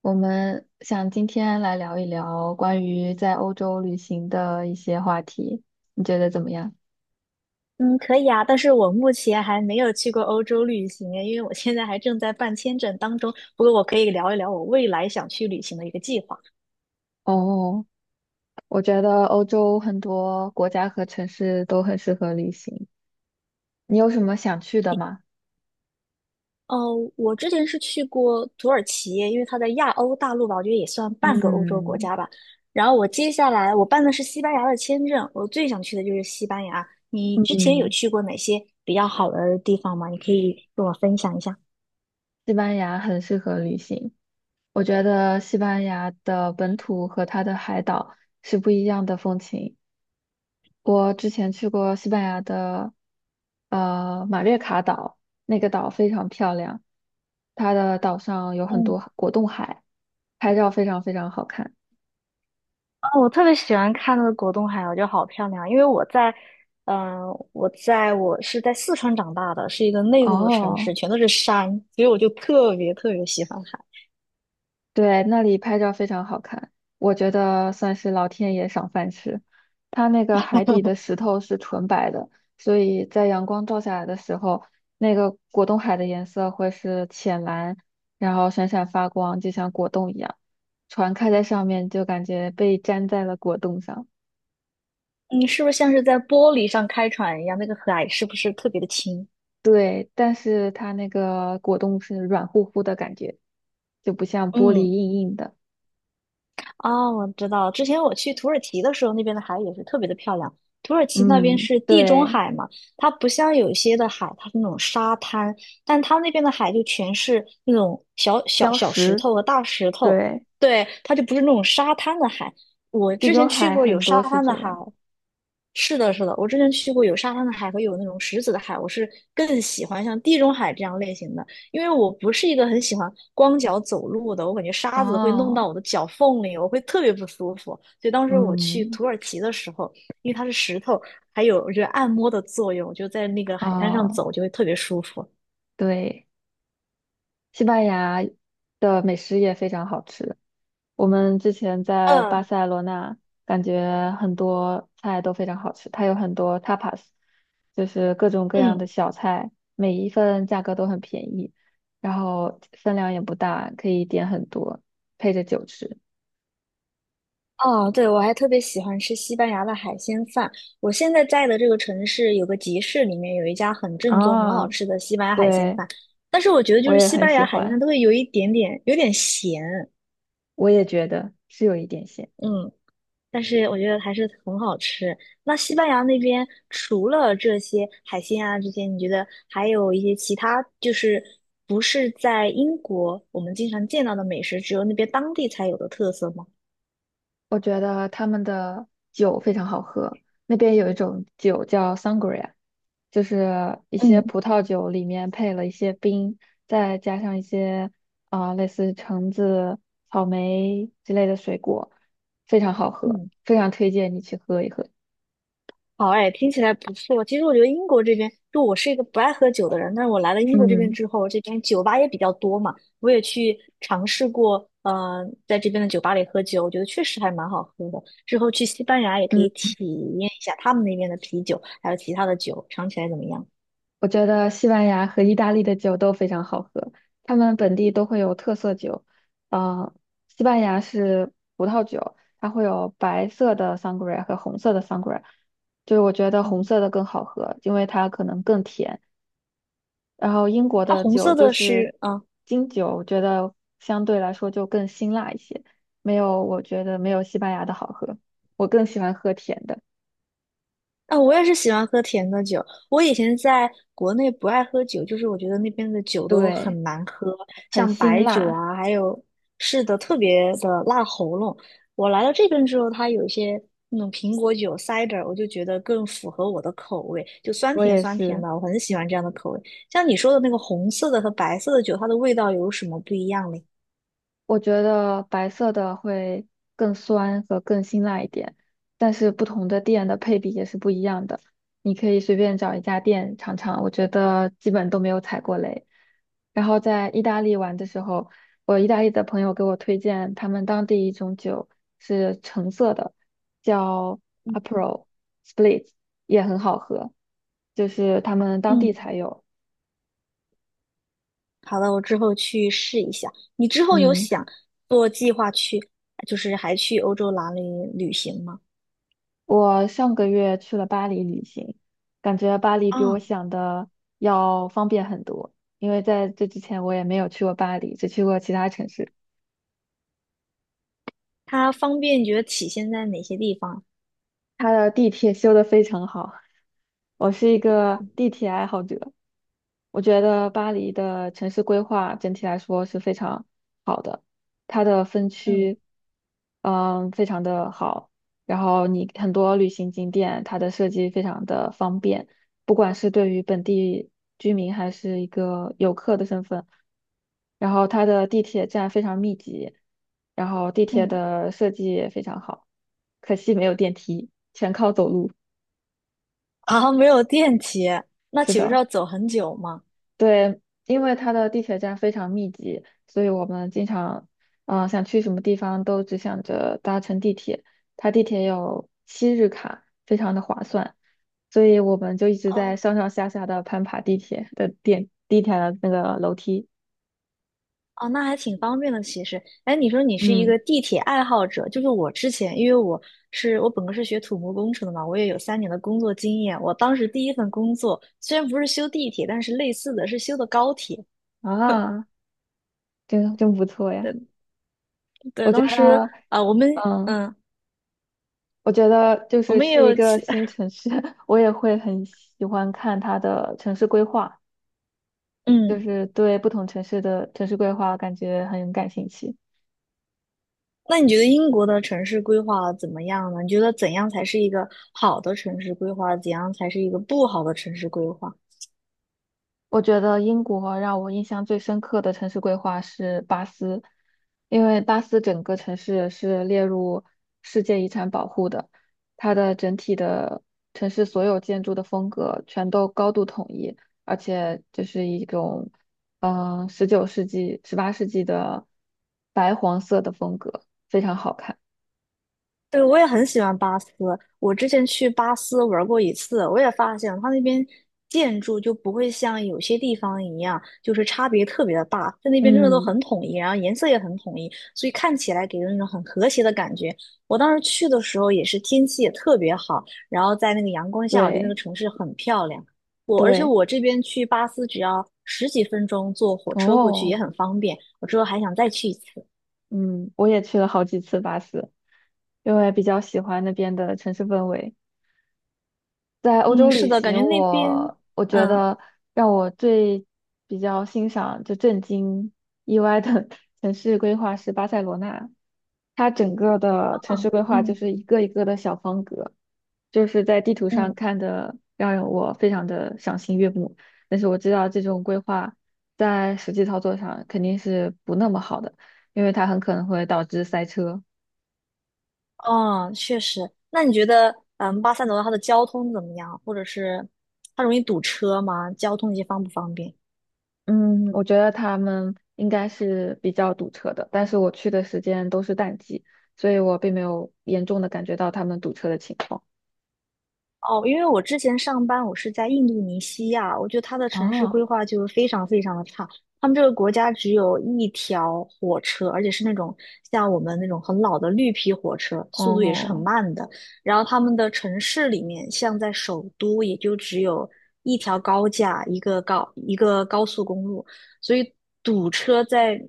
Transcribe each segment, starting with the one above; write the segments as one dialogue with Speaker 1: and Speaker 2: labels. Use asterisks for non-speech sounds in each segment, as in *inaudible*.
Speaker 1: 我们想今天来聊一聊关于在欧洲旅行的一些话题，你觉得怎么样？
Speaker 2: 嗯，可以啊，但是我目前还没有去过欧洲旅行，因为我现在还正在办签证当中。不过我可以聊一聊我未来想去旅行的一个计划。
Speaker 1: 哦，我觉得欧洲很多国家和城市都很适合旅行。你有什么想去的吗？
Speaker 2: 哦，我之前是去过土耳其，因为它在亚欧大陆吧，我觉得也算半个欧洲国
Speaker 1: 嗯
Speaker 2: 家吧。然后接下来我办的是西班牙的签证，我最想去的就是西班牙。你之前有
Speaker 1: 嗯，
Speaker 2: 去过哪些比较好的地方吗？你可以跟我分享一下。
Speaker 1: 西班牙很适合旅行。我觉得西班牙的本土和它的海岛是不一样的风情。我之前去过西班牙的，马略卡岛，那个岛非常漂亮，它的岛上有很
Speaker 2: 嗯。
Speaker 1: 多果冻海，拍照非常非常好看。
Speaker 2: 哦，我特别喜欢看那个果冻海螺，我觉得好漂亮。因为我在，嗯、我在我是在四川长大的，是一个内陆的城
Speaker 1: 哦，
Speaker 2: 市，全都是山，所以我就特别特别喜欢海。
Speaker 1: 对，那里拍照非常好看，我觉得算是老天爷赏饭吃。它那个海底的石头是纯白的，所以在阳光照下来的时候，那个果冻海的颜色会是浅蓝，然后闪闪发光，就像果冻一样。船开在上面，就感觉被粘在了果冻上。
Speaker 2: 嗯，是不是像是在玻璃上开船一样？那个海是不是特别的清？
Speaker 1: 对，但是它那个果冻是软乎乎的感觉，就不像玻璃
Speaker 2: 嗯。
Speaker 1: 硬硬的。
Speaker 2: 哦，我知道，之前我去土耳其的时候，那边的海也是特别的漂亮。土耳其那边
Speaker 1: 嗯，
Speaker 2: 是地中
Speaker 1: 对，
Speaker 2: 海嘛，它不像有一些的海，它是那种沙滩，但它那边的海就全是那种小小
Speaker 1: 礁
Speaker 2: 小石
Speaker 1: 石，
Speaker 2: 头和大石头，
Speaker 1: 对。
Speaker 2: 对，它就不是那种沙滩的海。我
Speaker 1: 地
Speaker 2: 之
Speaker 1: 中
Speaker 2: 前去
Speaker 1: 海
Speaker 2: 过有
Speaker 1: 很
Speaker 2: 沙
Speaker 1: 多是
Speaker 2: 滩
Speaker 1: 这
Speaker 2: 的海，
Speaker 1: 样。
Speaker 2: 是的，是的，我之前去过有沙滩的海和有那种石子的海，我是更喜欢像地中海这样类型的。因为我不是一个很喜欢光脚走路的，我感觉沙子会弄
Speaker 1: 哦，
Speaker 2: 到我的脚缝里，我会特别不舒服。所以当时我去
Speaker 1: 嗯，
Speaker 2: 土耳其的时候，因为它是石头，还有我觉得按摩的作用，就在那个海滩上
Speaker 1: 哦，
Speaker 2: 走就会特别舒服。
Speaker 1: 对，西班牙的美食也非常好吃。我们之前在巴
Speaker 2: 嗯
Speaker 1: 塞罗那，感觉很多菜都非常好吃，它有很多 tapas，就是各种各样的
Speaker 2: 嗯，
Speaker 1: 小菜，每一份价格都很便宜，然后分量也不大，可以点很多，配着酒吃。
Speaker 2: 哦，对，我还特别喜欢吃西班牙的海鲜饭。我现在在的这个城市有个集市，里面有一家很正宗、很
Speaker 1: 啊，
Speaker 2: 好吃的西班牙海鲜
Speaker 1: 对，
Speaker 2: 饭。但是我觉得就
Speaker 1: 我
Speaker 2: 是
Speaker 1: 也
Speaker 2: 西
Speaker 1: 很
Speaker 2: 班
Speaker 1: 喜
Speaker 2: 牙海鲜饭
Speaker 1: 欢，
Speaker 2: 都会有一点点有点咸，
Speaker 1: 我也觉得是有一点咸。
Speaker 2: 嗯但是我觉得还是很好吃。那西班牙那边除了这些海鲜啊，这些你觉得还有一些其他，就是不是在英国我们经常见到的美食，只有那边当地才有的特色吗？
Speaker 1: 我觉得他们的酒非常好喝，那边有一种酒叫 sangria，就是一些
Speaker 2: 嗯。
Speaker 1: 葡萄酒里面配了一些冰，再加上一些类似橙子、草莓之类的水果，非常好喝，
Speaker 2: 嗯
Speaker 1: 非常推荐你去喝一喝。
Speaker 2: 好哎，听起来不错。其实我觉得英国这边，就我是一个不爱喝酒的人，但是我来了英国这边
Speaker 1: 嗯
Speaker 2: 之后，这边酒吧也比较多嘛，我也去尝试过，嗯，在这边的酒吧里喝酒，我觉得确实还蛮好喝的。之后去西班牙也可
Speaker 1: 嗯。
Speaker 2: 以体验一下他们那边的啤酒，还有其他的酒，尝起来怎么样？
Speaker 1: 我觉得西班牙和意大利的酒都非常好喝，他们本地都会有特色酒。呃，西班牙是葡萄酒，它会有白色的 sangria 和红色的 sangria，就是我觉得红
Speaker 2: 嗯，
Speaker 1: 色的更好喝，因为它可能更甜。然后英国
Speaker 2: 它
Speaker 1: 的
Speaker 2: 红
Speaker 1: 酒
Speaker 2: 色
Speaker 1: 就
Speaker 2: 的
Speaker 1: 是
Speaker 2: 是，嗯、
Speaker 1: 金酒，我觉得相对来说就更辛辣一些，没有，我觉得没有西班牙的好喝。我更喜欢喝甜的，
Speaker 2: 啊、我也是喜欢喝甜的酒。我以前在国内不爱喝酒，就是我觉得那边的酒都
Speaker 1: 对，
Speaker 2: 很难喝，
Speaker 1: 很
Speaker 2: 像
Speaker 1: 辛
Speaker 2: 白酒
Speaker 1: 辣，
Speaker 2: 啊，是的，特别的辣喉咙。我来到这边之后，它有一些那种苹果酒 cider，我就觉得更符合我的口味，就酸
Speaker 1: 我
Speaker 2: 甜
Speaker 1: 也
Speaker 2: 酸甜
Speaker 1: 是。
Speaker 2: 的，我很喜欢这样的口味。像你说的那个红色的和白色的酒，它的味道有什么不一样嘞？
Speaker 1: 我觉得白色的会更酸和更辛辣一点，但是不同的店的配比也是不一样的。你可以随便找一家店尝尝，我觉得基本都没有踩过雷。然后在意大利玩的时候，我意大利的朋友给我推荐他们当地一种酒是橙色的，叫 Aperol Spritz，也很好喝，就是他们当地
Speaker 2: 嗯
Speaker 1: 才有。
Speaker 2: 好的，我之后去试一下。你之后有
Speaker 1: 嗯。
Speaker 2: 想做计划去，就是还去欧洲哪里旅行吗？
Speaker 1: 我上个月去了巴黎旅行，感觉巴黎比我
Speaker 2: 嗯
Speaker 1: 想的要方便很多。因为在这之前我也没有去过巴黎，只去过其他城市。
Speaker 2: 它方便，觉得体现在哪些地方？
Speaker 1: 它的地铁修得非常好，我是一个地铁爱好者。我觉得巴黎的城市规划整体来说是非常好的，它的分
Speaker 2: 嗯
Speaker 1: 区，非常的好。然后你很多旅行景点，它的设计非常的方便，不管是对于本地居民还是一个游客的身份。然后它的地铁站非常密集，然后地铁
Speaker 2: 嗯，
Speaker 1: 的设计也非常好，可惜没有电梯，全靠走路。
Speaker 2: 啊，没有电梯，那
Speaker 1: 是
Speaker 2: 岂不是
Speaker 1: 的。
Speaker 2: 要走很久吗？
Speaker 1: 对，因为它的地铁站非常密集，所以我们经常，想去什么地方都只想着搭乘地铁。它地铁有七日卡，非常的划算，所以我们就一直在
Speaker 2: 哦
Speaker 1: 上上下下的攀爬地铁的那个楼梯。
Speaker 2: 哦，那还挺方便的，其实。哎，你说你是一
Speaker 1: 嗯，
Speaker 2: 个地铁爱好者，就是我之前，因为我本科是学土木工程的嘛，我也有三年的工作经验。我当时第一份工作虽然不是修地铁，但是类似的是修的高铁。
Speaker 1: 啊，真真不错呀！
Speaker 2: 对。对，
Speaker 1: 我觉
Speaker 2: 当时
Speaker 1: 得，
Speaker 2: 啊，我们
Speaker 1: 嗯，
Speaker 2: 嗯，
Speaker 1: 我觉得就
Speaker 2: 我
Speaker 1: 是
Speaker 2: 们也
Speaker 1: 去一
Speaker 2: 有
Speaker 1: 个
Speaker 2: 其
Speaker 1: 新
Speaker 2: *laughs*
Speaker 1: 城市，*laughs* 我也会很喜欢看它的城市规划。就
Speaker 2: 嗯，
Speaker 1: 是对不同城市的城市规划感觉很感兴趣。
Speaker 2: 那你觉得英国的城市规划怎么样呢？你觉得怎样才是一个好的城市规划？怎样才是一个不好的城市规划？
Speaker 1: 我觉得英国让我印象最深刻的城市规划是巴斯，因为巴斯整个城市是列入世界遗产保护的，它的整体的城市所有建筑的风格全都高度统一，而且就是一种19世纪、18世纪的白黄色的风格，非常好看。
Speaker 2: 对，我也很喜欢巴斯。我之前去巴斯玩过一次，我也发现它那边建筑就不会像有些地方一样，就是差别特别的大。在那边真的都
Speaker 1: 嗯，
Speaker 2: 很统一，然后颜色也很统一，所以看起来给人一种很和谐的感觉。我当时去的时候也是天气也特别好，然后在那个阳光下，我觉得那个
Speaker 1: 对
Speaker 2: 城市很漂亮。而且
Speaker 1: 对，
Speaker 2: 我这边去巴斯只要十几分钟坐火车过去也
Speaker 1: 哦。
Speaker 2: 很方便。我之后还想再去一次。
Speaker 1: 嗯，我也去了好几次巴斯，因为比较喜欢那边的城市氛围。在欧
Speaker 2: 嗯，
Speaker 1: 洲
Speaker 2: 是
Speaker 1: 旅
Speaker 2: 的，感觉
Speaker 1: 行
Speaker 2: 那边，
Speaker 1: 我觉
Speaker 2: 嗯。
Speaker 1: 得让我最比较欣赏、就震惊、意外的 *laughs* 城市规划是巴塞罗那。它整个的城市
Speaker 2: 嗯
Speaker 1: 规划就
Speaker 2: 嗯
Speaker 1: 是一个一个的小方格，就是在地图上
Speaker 2: 嗯，
Speaker 1: 看的，让我非常的赏心悦目。但是我知道这种规划在实际操作上肯定是不那么好的，因为它很可能会导致塞车。
Speaker 2: 哦，确实。那你觉得，巴塞罗那它的交通怎么样？或者是它容易堵车吗？交通这些方不方便？
Speaker 1: 嗯，我觉得他们应该是比较堵车的，但是我去的时间都是淡季，所以我并没有严重的感觉到他们堵车的情况。
Speaker 2: 哦，因为我之前上班，我是在印度尼西亚，我觉得它的城市规
Speaker 1: 哦
Speaker 2: 划就是非常非常的差。他们这个国家只有一条火车，而且是那种像我们那种很老的绿皮火车，速度也是很
Speaker 1: 哦
Speaker 2: 慢的。然后他们的城市里面，像在首都，也就只有一条高架，一个高速公路，所以堵车在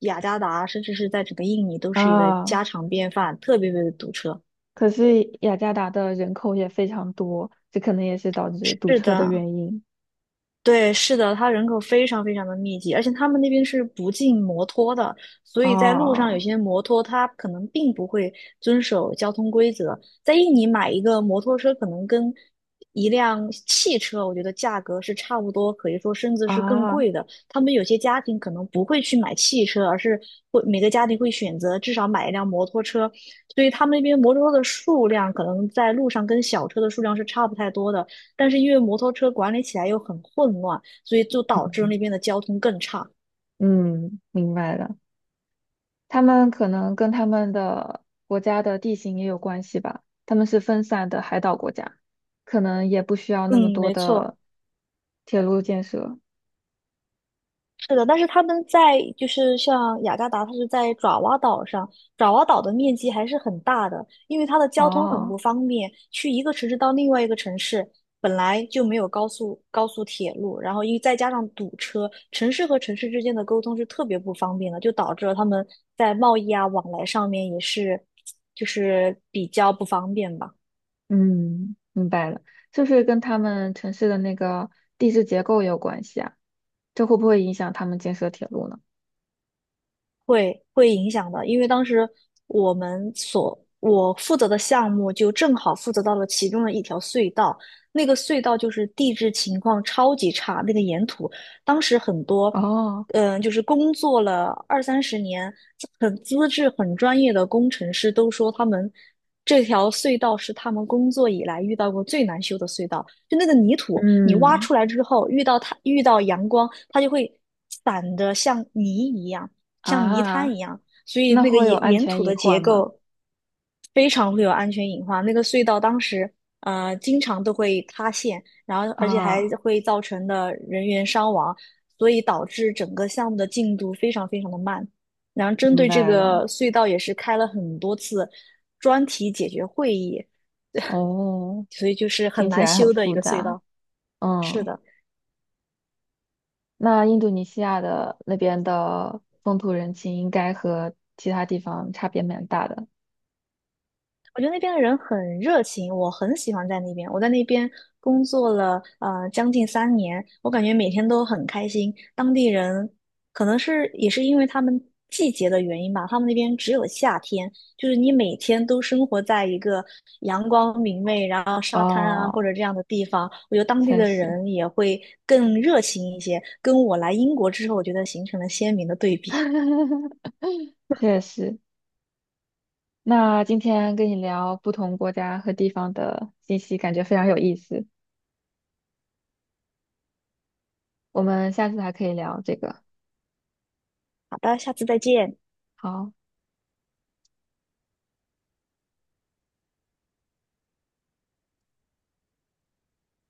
Speaker 2: 雅加达，甚至是在整个印尼都是一个
Speaker 1: 啊，
Speaker 2: 家常便饭，特别特别的堵车。
Speaker 1: 可是雅加达的人口也非常多，这可能也是导致堵
Speaker 2: 是
Speaker 1: 车的
Speaker 2: 的，
Speaker 1: 原因。
Speaker 2: 对，是的，它人口非常非常的密集，而且他们那边是不禁摩托的，所以在路上有
Speaker 1: 哦
Speaker 2: 些摩托它可能并不会遵守交通规则。在印尼买一个摩托车，可能跟一辆汽车，我觉得价格是差不多，可以说甚至是更
Speaker 1: 啊，
Speaker 2: 贵的。他们有些家庭可能不会去买汽车，而是每个家庭会选择至少买一辆摩托车，所以他们那边摩托车的数量可能在路上跟小车的数量是差不太多的。但是因为摩托车管理起来又很混乱，所以就导致那边的交通更差。
Speaker 1: 嗯，明白了。他们可能跟他们的国家的地形也有关系吧，他们是分散的海岛国家，可能也不需要那么
Speaker 2: 嗯，
Speaker 1: 多
Speaker 2: 没错，
Speaker 1: 的铁路建设。
Speaker 2: 是的。但是他们在就是像雅加达，它是在爪哇岛上，爪哇岛的面积还是很大的，因为它的交通很
Speaker 1: 哦，
Speaker 2: 不方便，去一个城市到另外一个城市。本来就没有高速铁路，然后因为再加上堵车，城市和城市之间的沟通是特别不方便的，就导致了他们在贸易啊往来上面也是，就是比较不方便吧。
Speaker 1: 嗯，明白了，就是跟他们城市的那个地质结构也有关系啊，这会不会影响他们建设铁路呢？
Speaker 2: 会影响的，因为当时我们所我负责的项目就正好负责到了其中的一条隧道，那个隧道就是地质情况超级差，那个岩土，当时很多，
Speaker 1: 哦，
Speaker 2: 就是工作了二三十年，很资质很专业的工程师都说他们这条隧道是他们工作以来遇到过最难修的隧道，就那个泥土，你挖
Speaker 1: 嗯，
Speaker 2: 出来之后，遇到阳光，它就会散得像泥一样。像泥滩
Speaker 1: 啊，
Speaker 2: 一样，所以
Speaker 1: 那
Speaker 2: 那个
Speaker 1: 会有
Speaker 2: 岩
Speaker 1: 安
Speaker 2: 岩
Speaker 1: 全
Speaker 2: 土
Speaker 1: 隐
Speaker 2: 的结
Speaker 1: 患吗？
Speaker 2: 构非常会有安全隐患。那个隧道当时经常都会塌陷，然后而且还
Speaker 1: 啊，
Speaker 2: 会造成的人员伤亡，所以导致整个项目的进度非常非常的慢。然后针
Speaker 1: 明
Speaker 2: 对这
Speaker 1: 白了，
Speaker 2: 个隧道也是开了很多次专题解决会议，
Speaker 1: 哦，
Speaker 2: 所以就是很
Speaker 1: 听起
Speaker 2: 难
Speaker 1: 来很
Speaker 2: 修的一
Speaker 1: 复
Speaker 2: 个隧
Speaker 1: 杂，
Speaker 2: 道。是
Speaker 1: 嗯。
Speaker 2: 的。
Speaker 1: 那印度尼西亚的那边的风土人情应该和其他地方差别蛮大的
Speaker 2: 我觉得那边的人很热情，我很喜欢在那边。我在那边工作了将近三年，我感觉每天都很开心。当地人可能是也是因为他们季节的原因吧，他们那边只有夏天，就是你每天都生活在一个阳光明媚，然后沙滩啊
Speaker 1: 哦，
Speaker 2: 或者这样的地方，我觉得当地
Speaker 1: 确
Speaker 2: 的
Speaker 1: 实，
Speaker 2: 人也会更热情一些，跟我来英国之后，我觉得形成了鲜明的对比。
Speaker 1: *laughs* 确实。那今天跟你聊不同国家和地方的信息，感觉非常有意思。我们下次还可以聊这个。
Speaker 2: 好的，下次再见。
Speaker 1: 好。